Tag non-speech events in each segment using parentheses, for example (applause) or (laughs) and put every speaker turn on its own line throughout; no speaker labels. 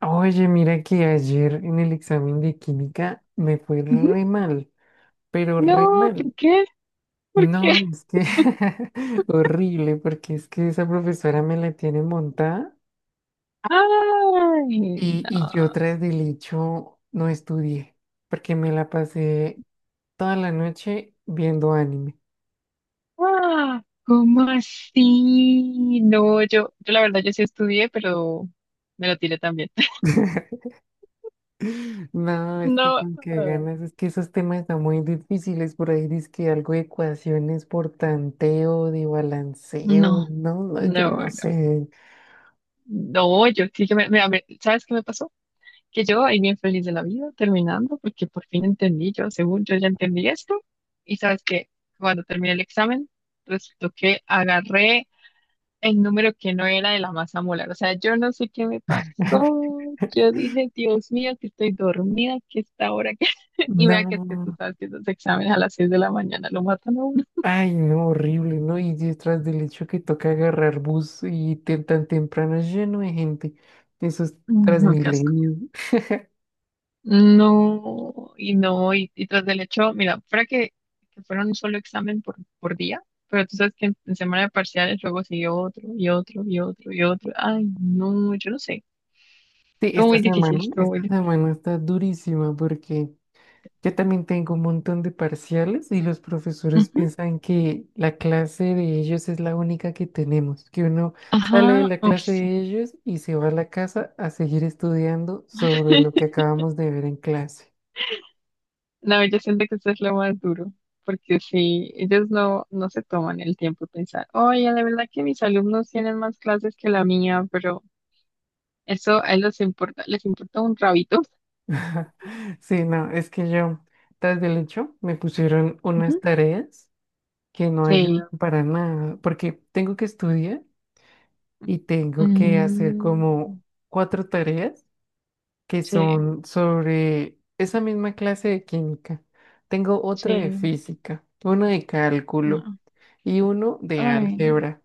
Oye, mira que ayer en el examen de química me fue
Ujú.
re mal, pero re
No, ¿por
mal.
qué? ¿Por qué?
No, es que (laughs) horrible, porque es que esa profesora me la tiene montada
Ay,
y,
no.
y yo tras del hecho no estudié, porque me la pasé toda la noche viendo anime.
Ah, ¿cómo así? No, yo la verdad, yo sí estudié, pero me lo tiré también. (laughs)
(laughs) No, es que
No,
con qué
no,
ganas, es que esos temas están muy difíciles por ahí, dice que algo de ecuaciones por tanteo, de balanceo,
no,
no, no, yo
no.
no sé.
No, yo sí que mira, ¿sabes qué me pasó? Que yo ahí bien feliz de la vida, terminando, porque por fin entendí, yo según yo ya entendí esto, y sabes que cuando terminé el examen, resultó que agarré el número que no era de la masa molar. O sea, yo no sé qué me
(laughs)
pasó. Yo dije, Dios mío, que estoy dormida, que esta hora que. (laughs) Y vea que es que tú
No,
sabes que los exámenes a las 6 de la mañana lo matan a uno.
ay, no, horrible, ¿no? Y detrás del hecho que toca agarrar bus y tan temprano es lleno de gente, esos
Ay, no, qué asco.
Transmilenios. (laughs)
No, y no, y tras del hecho, mira, fuera que fuera un solo examen por día, pero tú sabes que en semana de parciales luego siguió otro, y otro, y otro, y otro. Ay, no, yo no sé.
Sí,
Todo muy difícil, todo muy
esta
difícil.
semana está durísima porque yo también tengo un montón de parciales y los profesores
Ujú.
piensan que la clase de ellos es la única que tenemos, que uno sale de
Ajá,
la
oh,
clase
sí.
de ellos y se va a la casa a seguir estudiando sobre lo
(laughs)
que acabamos de ver en clase.
No, yo siento que eso es lo más duro, porque si ellos no se toman el tiempo de pensar, oye, de verdad que mis alumnos tienen más clases que la mía, pero eso a ellos les importa un rabito.
(laughs) Sí, no, es que yo, tras del hecho, me pusieron unas
Ujú.
tareas que no
Sí,
ayudan para nada, porque tengo que estudiar y tengo que hacer
Mm,
como cuatro tareas que
sí,
son sobre esa misma clase de química. Tengo otra de
sí,
física, una de cálculo
no,
y uno de
ay, no,
álgebra.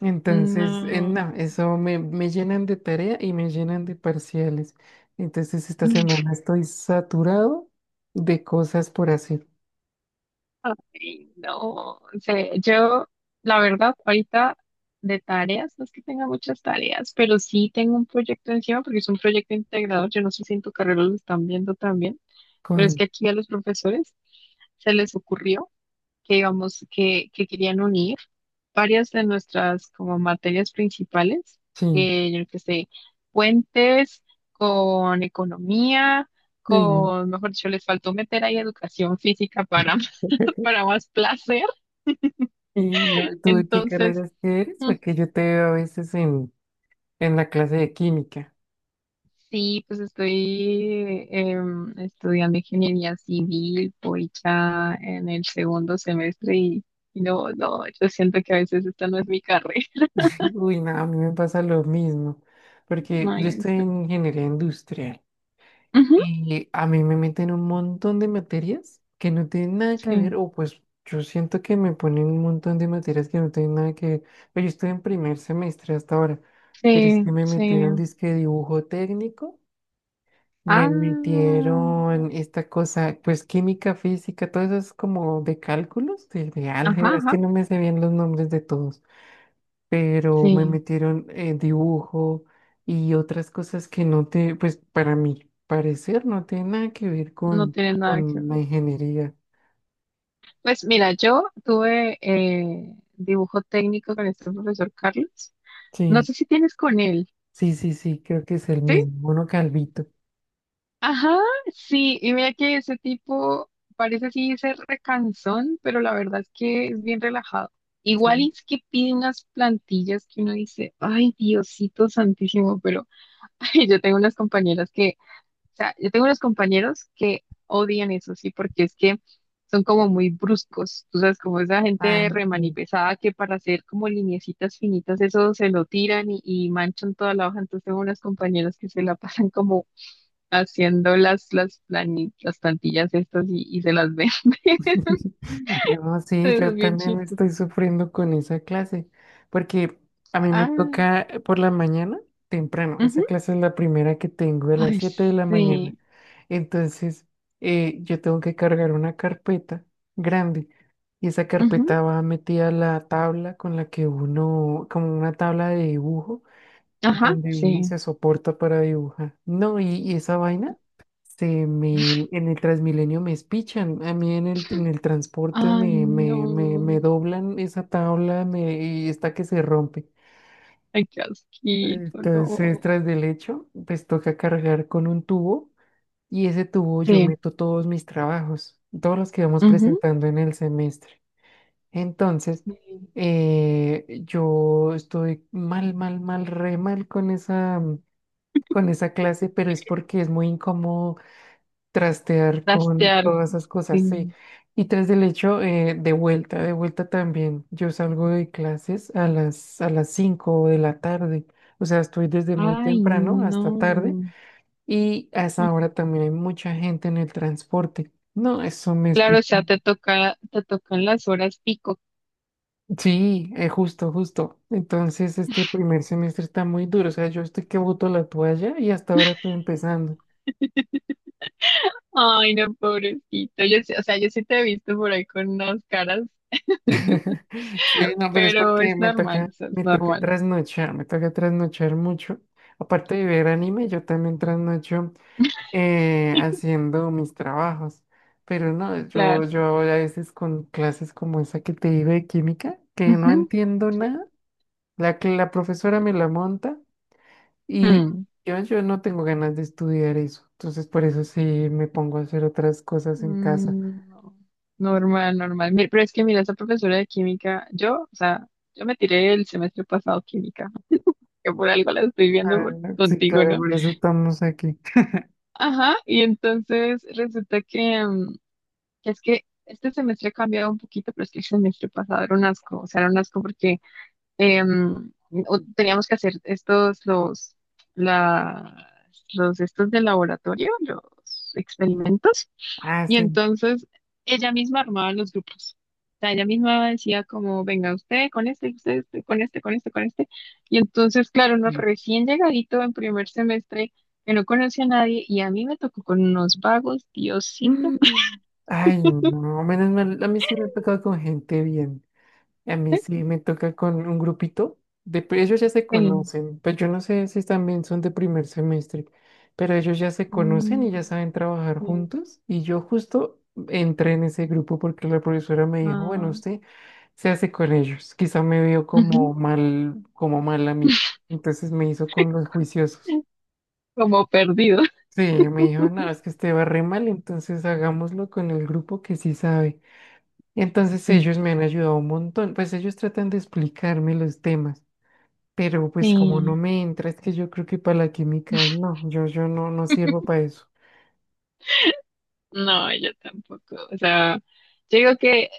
Entonces,
no.
no, eso me, me llenan de tarea y me llenan de parciales. Entonces, esta
(laughs)
semana estoy saturado de cosas por hacer.
Ay, no sé, yo la verdad ahorita de tareas, no es que tenga muchas tareas, pero sí tengo un proyecto encima porque es un proyecto integrador, yo no sé si en tu carrera lo están viendo también, pero es
¿Cuál?
que aquí a los profesores se les ocurrió que querían unir varias de nuestras como materias principales,
Sí.
que yo qué sé, puentes con economía,
Uy, no.
con, mejor dicho, les faltó meter ahí educación física para más placer.
Y no, ¿tú de qué
Entonces,
carreras eres?
mm,
Porque yo te veo a veces en la clase de química.
sí, pues estoy estudiando ingeniería civil, voy ya en el segundo semestre y no, no, yo siento que a veces esta no es mi carrera.
Uy, no, a mí me pasa lo mismo,
(laughs)
porque
No,
yo
y en
estoy en ingeniería industrial
ujú,
y a mí me meten un montón de materias que no tienen nada que ver,
sí,
o pues yo siento que me ponen un montón de materias que no tienen nada que ver, pero yo estoy en primer semestre hasta ahora, pero es
sí,
que me
sí.
metieron disque dibujo técnico, me
Ah,
metieron esta cosa, pues química, física, todas eso es como de cálculos, de
ajá,
álgebra, es que
ajá,
no me sé bien los nombres de todos, pero me
sí,
metieron dibujo y otras cosas que no te, pues para mi parecer no tiene nada que ver
no tiene nada que
con la
ver.
ingeniería.
Pues mira, yo tuve dibujo técnico con este profesor Carlos. No
Sí,
sé si tienes con él.
sí, sí, sí, creo que es el
¿Sí?
mismo, uno calvito.
Ajá, sí, y mira que ese tipo parece así ser recansón, pero la verdad es que es bien relajado. Igual
Sí.
es que pide unas plantillas que uno dice, ay, Diosito santísimo, pero (laughs) ay, yo tengo unas compañeras que, o sea, yo tengo unos compañeros que odian eso, sí, porque es que son como muy bruscos, tú sabes, como esa
Ah,
gente
sí.
remanipesada que para hacer como lineecitas finitas, eso se lo tiran y manchan toda la hoja, entonces tengo unas compañeras que se la (laughs) pasan como haciendo las plantillas estas y se las vende. (laughs)
(laughs) No, sí,
Es
yo
bien
también
chistoso.
estoy sufriendo con esa clase, porque a mí me
Ah,
toca por la mañana temprano, esa
ujú.
clase es la primera que tengo de las
Ay,
siete de la mañana.
sí.
Entonces, yo tengo que cargar una carpeta grande y esa
Ujú.
carpeta va metida a la tabla con la que uno, como una tabla de dibujo,
Ajá,
donde uno
sí.
se soporta para dibujar. No, y esa vaina se me, en el Transmilenio me espichan, a mí en el transporte
Ay,
me,
no.
me, me, me doblan esa tabla me, y está que se rompe.
Ay, qué asquito,
Entonces,
no.
tras del hecho, pues toca cargar con un tubo. Y ese tubo yo
Sí.
meto todos mis trabajos, todos los que vamos
Ujú.
presentando en el semestre. Entonces,
Sí.
yo estoy mal, mal, mal, re mal con esa clase, pero es porque es muy incómodo trastear con
Trastear,
todas esas cosas, sí.
sí.
Y tras del hecho, de vuelta también. Yo salgo de clases a las 5 de la tarde. O sea, estoy desde muy
Ay,
temprano hasta tarde
no.
y a esa hora también hay mucha gente en el transporte. No, eso me
Claro, o sea,
explica.
te tocan las horas pico.
Sí, justo, justo. Entonces, este primer semestre está muy duro. O sea, yo estoy que boto la toalla y hasta ahora estoy empezando.
Ay, no, pobrecito. Yo sí, o sea, yo sí te he visto por ahí con unas caras.
(laughs) Sí, no, pero es
Pero
porque
es normal, o sea, es normal,
me toca trasnochar mucho. Aparte de ver anime, yo también trasnocho haciendo mis trabajos. Pero no, yo,
claro.
yo a veces con clases como esa que te digo de química, que no
Ujú.
entiendo
Sí,
nada. La que la profesora
sí.
me la monta y
Mm.
yo no tengo ganas de estudiar eso. Entonces, por eso sí me pongo a hacer otras cosas en casa.
Mm, no. Normal, normal. Pero es que mira, esa profesora de química, yo, o sea, yo me tiré el semestre pasado química, que por algo la estoy viendo
Ah, sí,
contigo,
claro,
¿no?
por eso estamos aquí.
Ajá, y entonces resulta que es que este semestre ha cambiado un poquito, pero es que el semestre pasado era un asco, o sea, era un asco porque em, o teníamos que hacer la, los estos de laboratorio, los experimentos,
Ah,
y
sí.
entonces ella misma armaba los grupos. O sea, ella misma decía como, venga usted con este, usted este, con este, con este, con este. Y entonces, claro, uno
Sí.
recién llegadito en primer semestre, que no conocía a nadie, y a mí me tocó con unos vagos, Diosito.
Mm. Ay, no, menos mal. A mí sí me ha tocado con gente bien. A mí sí
(laughs)
me toca con un grupito. De, ellos ya se
eh,
conocen, pero yo no sé si también son de primer semestre, pero ellos ya se conocen y ya
mm,
saben trabajar
eh,
juntos. Y yo justo entré en ese grupo porque la profesora me dijo, bueno,
ah,
usted se hace con ellos. Quizá me vio
(laughs) ujú,
como mal a mí. Entonces me hizo con los juiciosos.
como perdido.
Sí, me dijo, no, es que usted va re mal, entonces hagámoslo con el grupo que sí sabe. Y entonces ellos me han ayudado un montón, pues ellos tratan de explicarme los temas. Pero pues como
Sí,
no me entra, es que yo creo que para la química no, yo, no sirvo para eso.
no, yo tampoco. O sea, yo digo que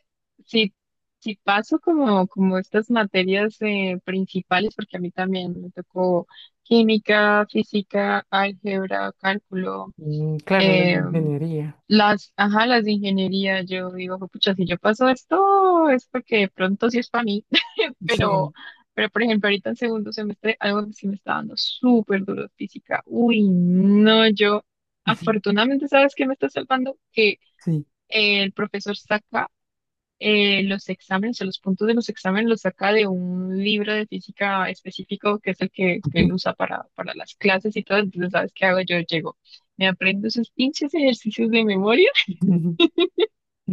si, si paso como estas materias principales, porque a mí también me tocó química, física, álgebra, cálculo,
Mm, claro, las de
eh,
ingeniería.
ajá, las de ingeniería, yo digo, pucha, si yo paso esto, es porque de pronto sí es para mí.
Sí,
Pero, pero por ejemplo, ahorita en segundo semestre, algo que sí me está dando súper duro es física. Uy, no, yo,
(laughs)
afortunadamente, ¿sabes qué me está salvando? Que
sí.
el profesor saca los exámenes, o los puntos de los exámenes los saca de un libro de física específico, que es el que él
(laughs)
usa para las clases y todo. Entonces, ¿sabes qué hago? Yo llego, me aprendo esos pinches ejercicios de memoria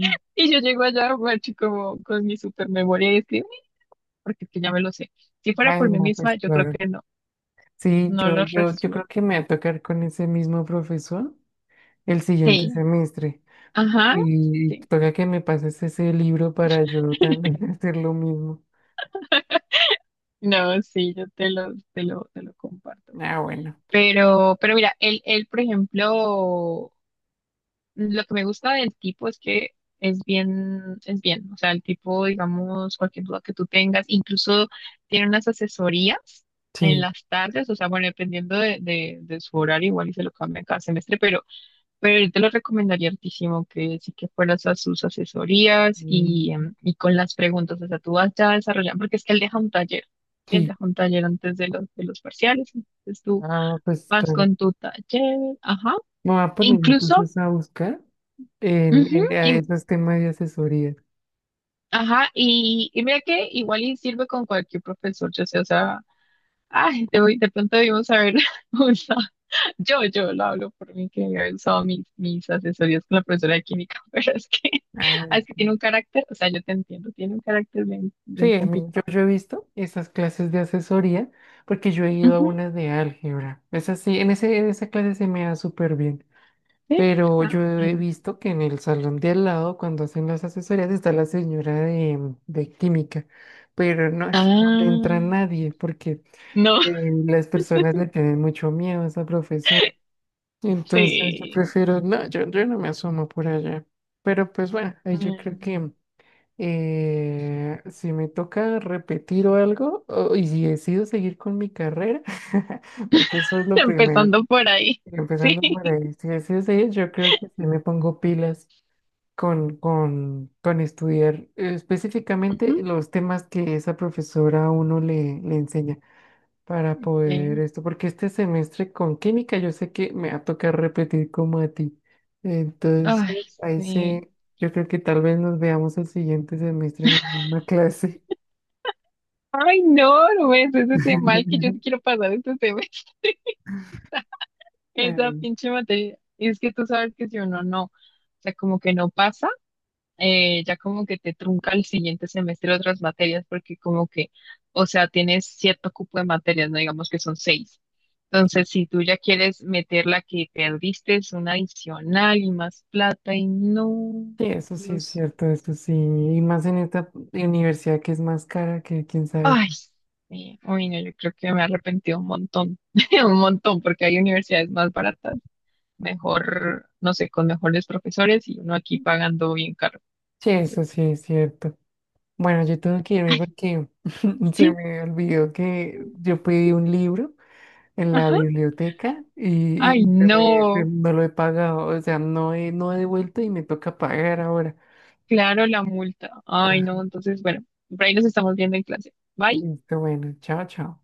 (laughs) y yo llego allá, macho, como con mi super memoria y escribo, porque es que ya me lo sé. Si fuera
Ay,
por mí
no,
misma,
pues
yo creo
claro.
que no.
Sí,
no los
yo creo
resuelve.
que me va a tocar con ese mismo profesor el siguiente
Sí,
semestre.
ajá,
Y
sí.
toca que me pases ese libro para yo también
(laughs)
(laughs) hacer lo mismo.
No, sí, yo te lo comparto.
Ah, bueno.
Pero mira, él, por ejemplo, lo que me gusta del tipo es que es bien, es bien. O sea, el tipo, digamos, cualquier duda que tú tengas, incluso tiene unas asesorías en
Sí.
las tardes, o sea, bueno, dependiendo de su horario, igual y se lo cambia cada semestre, pero te lo recomendaría hartísimo que sí que fueras a sus asesorías
Mm,
y con las preguntas, o sea, tú vas ya desarrollando, porque es que él deja un taller, ¿sí? Él
sí.
deja un taller antes de los parciales, entonces tú
Ah, pues
vas
claro.
con tu taller, ajá,
Me voy a
e
poner
incluso,
entonces a buscar.
ujú,
A esos temas de asesoría.
ajá, y mira que igual y sirve con cualquier profesor, yo sé, o sea, ay, de pronto debimos haber (laughs) usado. Yo lo hablo por mí, que he usado mis asesorías con la profesora de química, (laughs) pero es que,
Ah,
es que
sí.
tiene un carácter, o sea, yo te entiendo, tiene un carácter bien, bien
Sí, yo,
complicado.
yo he visto esas clases de asesoría porque yo he ido a
Ujú,
unas de álgebra. Es así, en ese, en esa clase se me da súper bien.
sí.
Pero
Ah,
yo he
bueno.
visto que en el salón de al lado, cuando hacen las asesorías, está la señora de química. Pero no, eso no le
Ah,
entra a nadie porque
no,
las personas le tienen mucho miedo a esa profesora.
(laughs)
Entonces yo
sí.
prefiero, no, yo no me asomo por allá. Pero pues bueno, ahí yo creo
Mm,
que si me toca repetir o algo, y si decido seguir con mi carrera, (laughs) porque eso es
(laughs)
lo primero,
empezando por ahí, (laughs) sí.
empezando por ahí, si decido seguir, yo creo que sí me pongo pilas con estudiar
Ujú,
específicamente los temas que esa profesora a uno le, le enseña para poder
sí.
esto, porque este semestre con química yo sé que me va a tocar repetir como a ti.
Ay,
Entonces, ahí
sí.
sí, yo creo que tal vez nos veamos el siguiente semestre en la misma clase.
Ay, no, no ves ese tema mal que yo
(laughs)
te quiero pasar este tema. (laughs) Esa
Eh,
pinche materia. Es que tú sabes que si uno no, o sea, como que no pasa. Ya como que te trunca el siguiente semestre otras materias porque como que, o sea, tienes cierto cupo de materias, no digamos que son seis. Entonces, si tú ya quieres meter la que perdiste, es una adicional y más plata y no,
sí, eso sí es
Dios,
cierto, eso sí, y más en esta universidad que es más cara que quién sabe.
ay, sí, uy, no, yo creo que me arrepentí un montón, (laughs) un montón, porque hay universidades más baratas, mejor, no sé, con mejores profesores y uno aquí pagando bien caro.
Sí, eso
Entonces,
sí es cierto. Bueno, yo tengo que irme
ay,
porque (laughs) se
sí,
me olvidó que yo pedí un libro en la
ajá,
biblioteca
ay,
y
no.
no lo he pagado, o sea, no he, no he devuelto y me toca pagar ahora.
Claro, la multa. Ay, no, entonces, bueno, por ahí nos estamos viendo en clase. Bye.
Listo, bueno, chao, chao.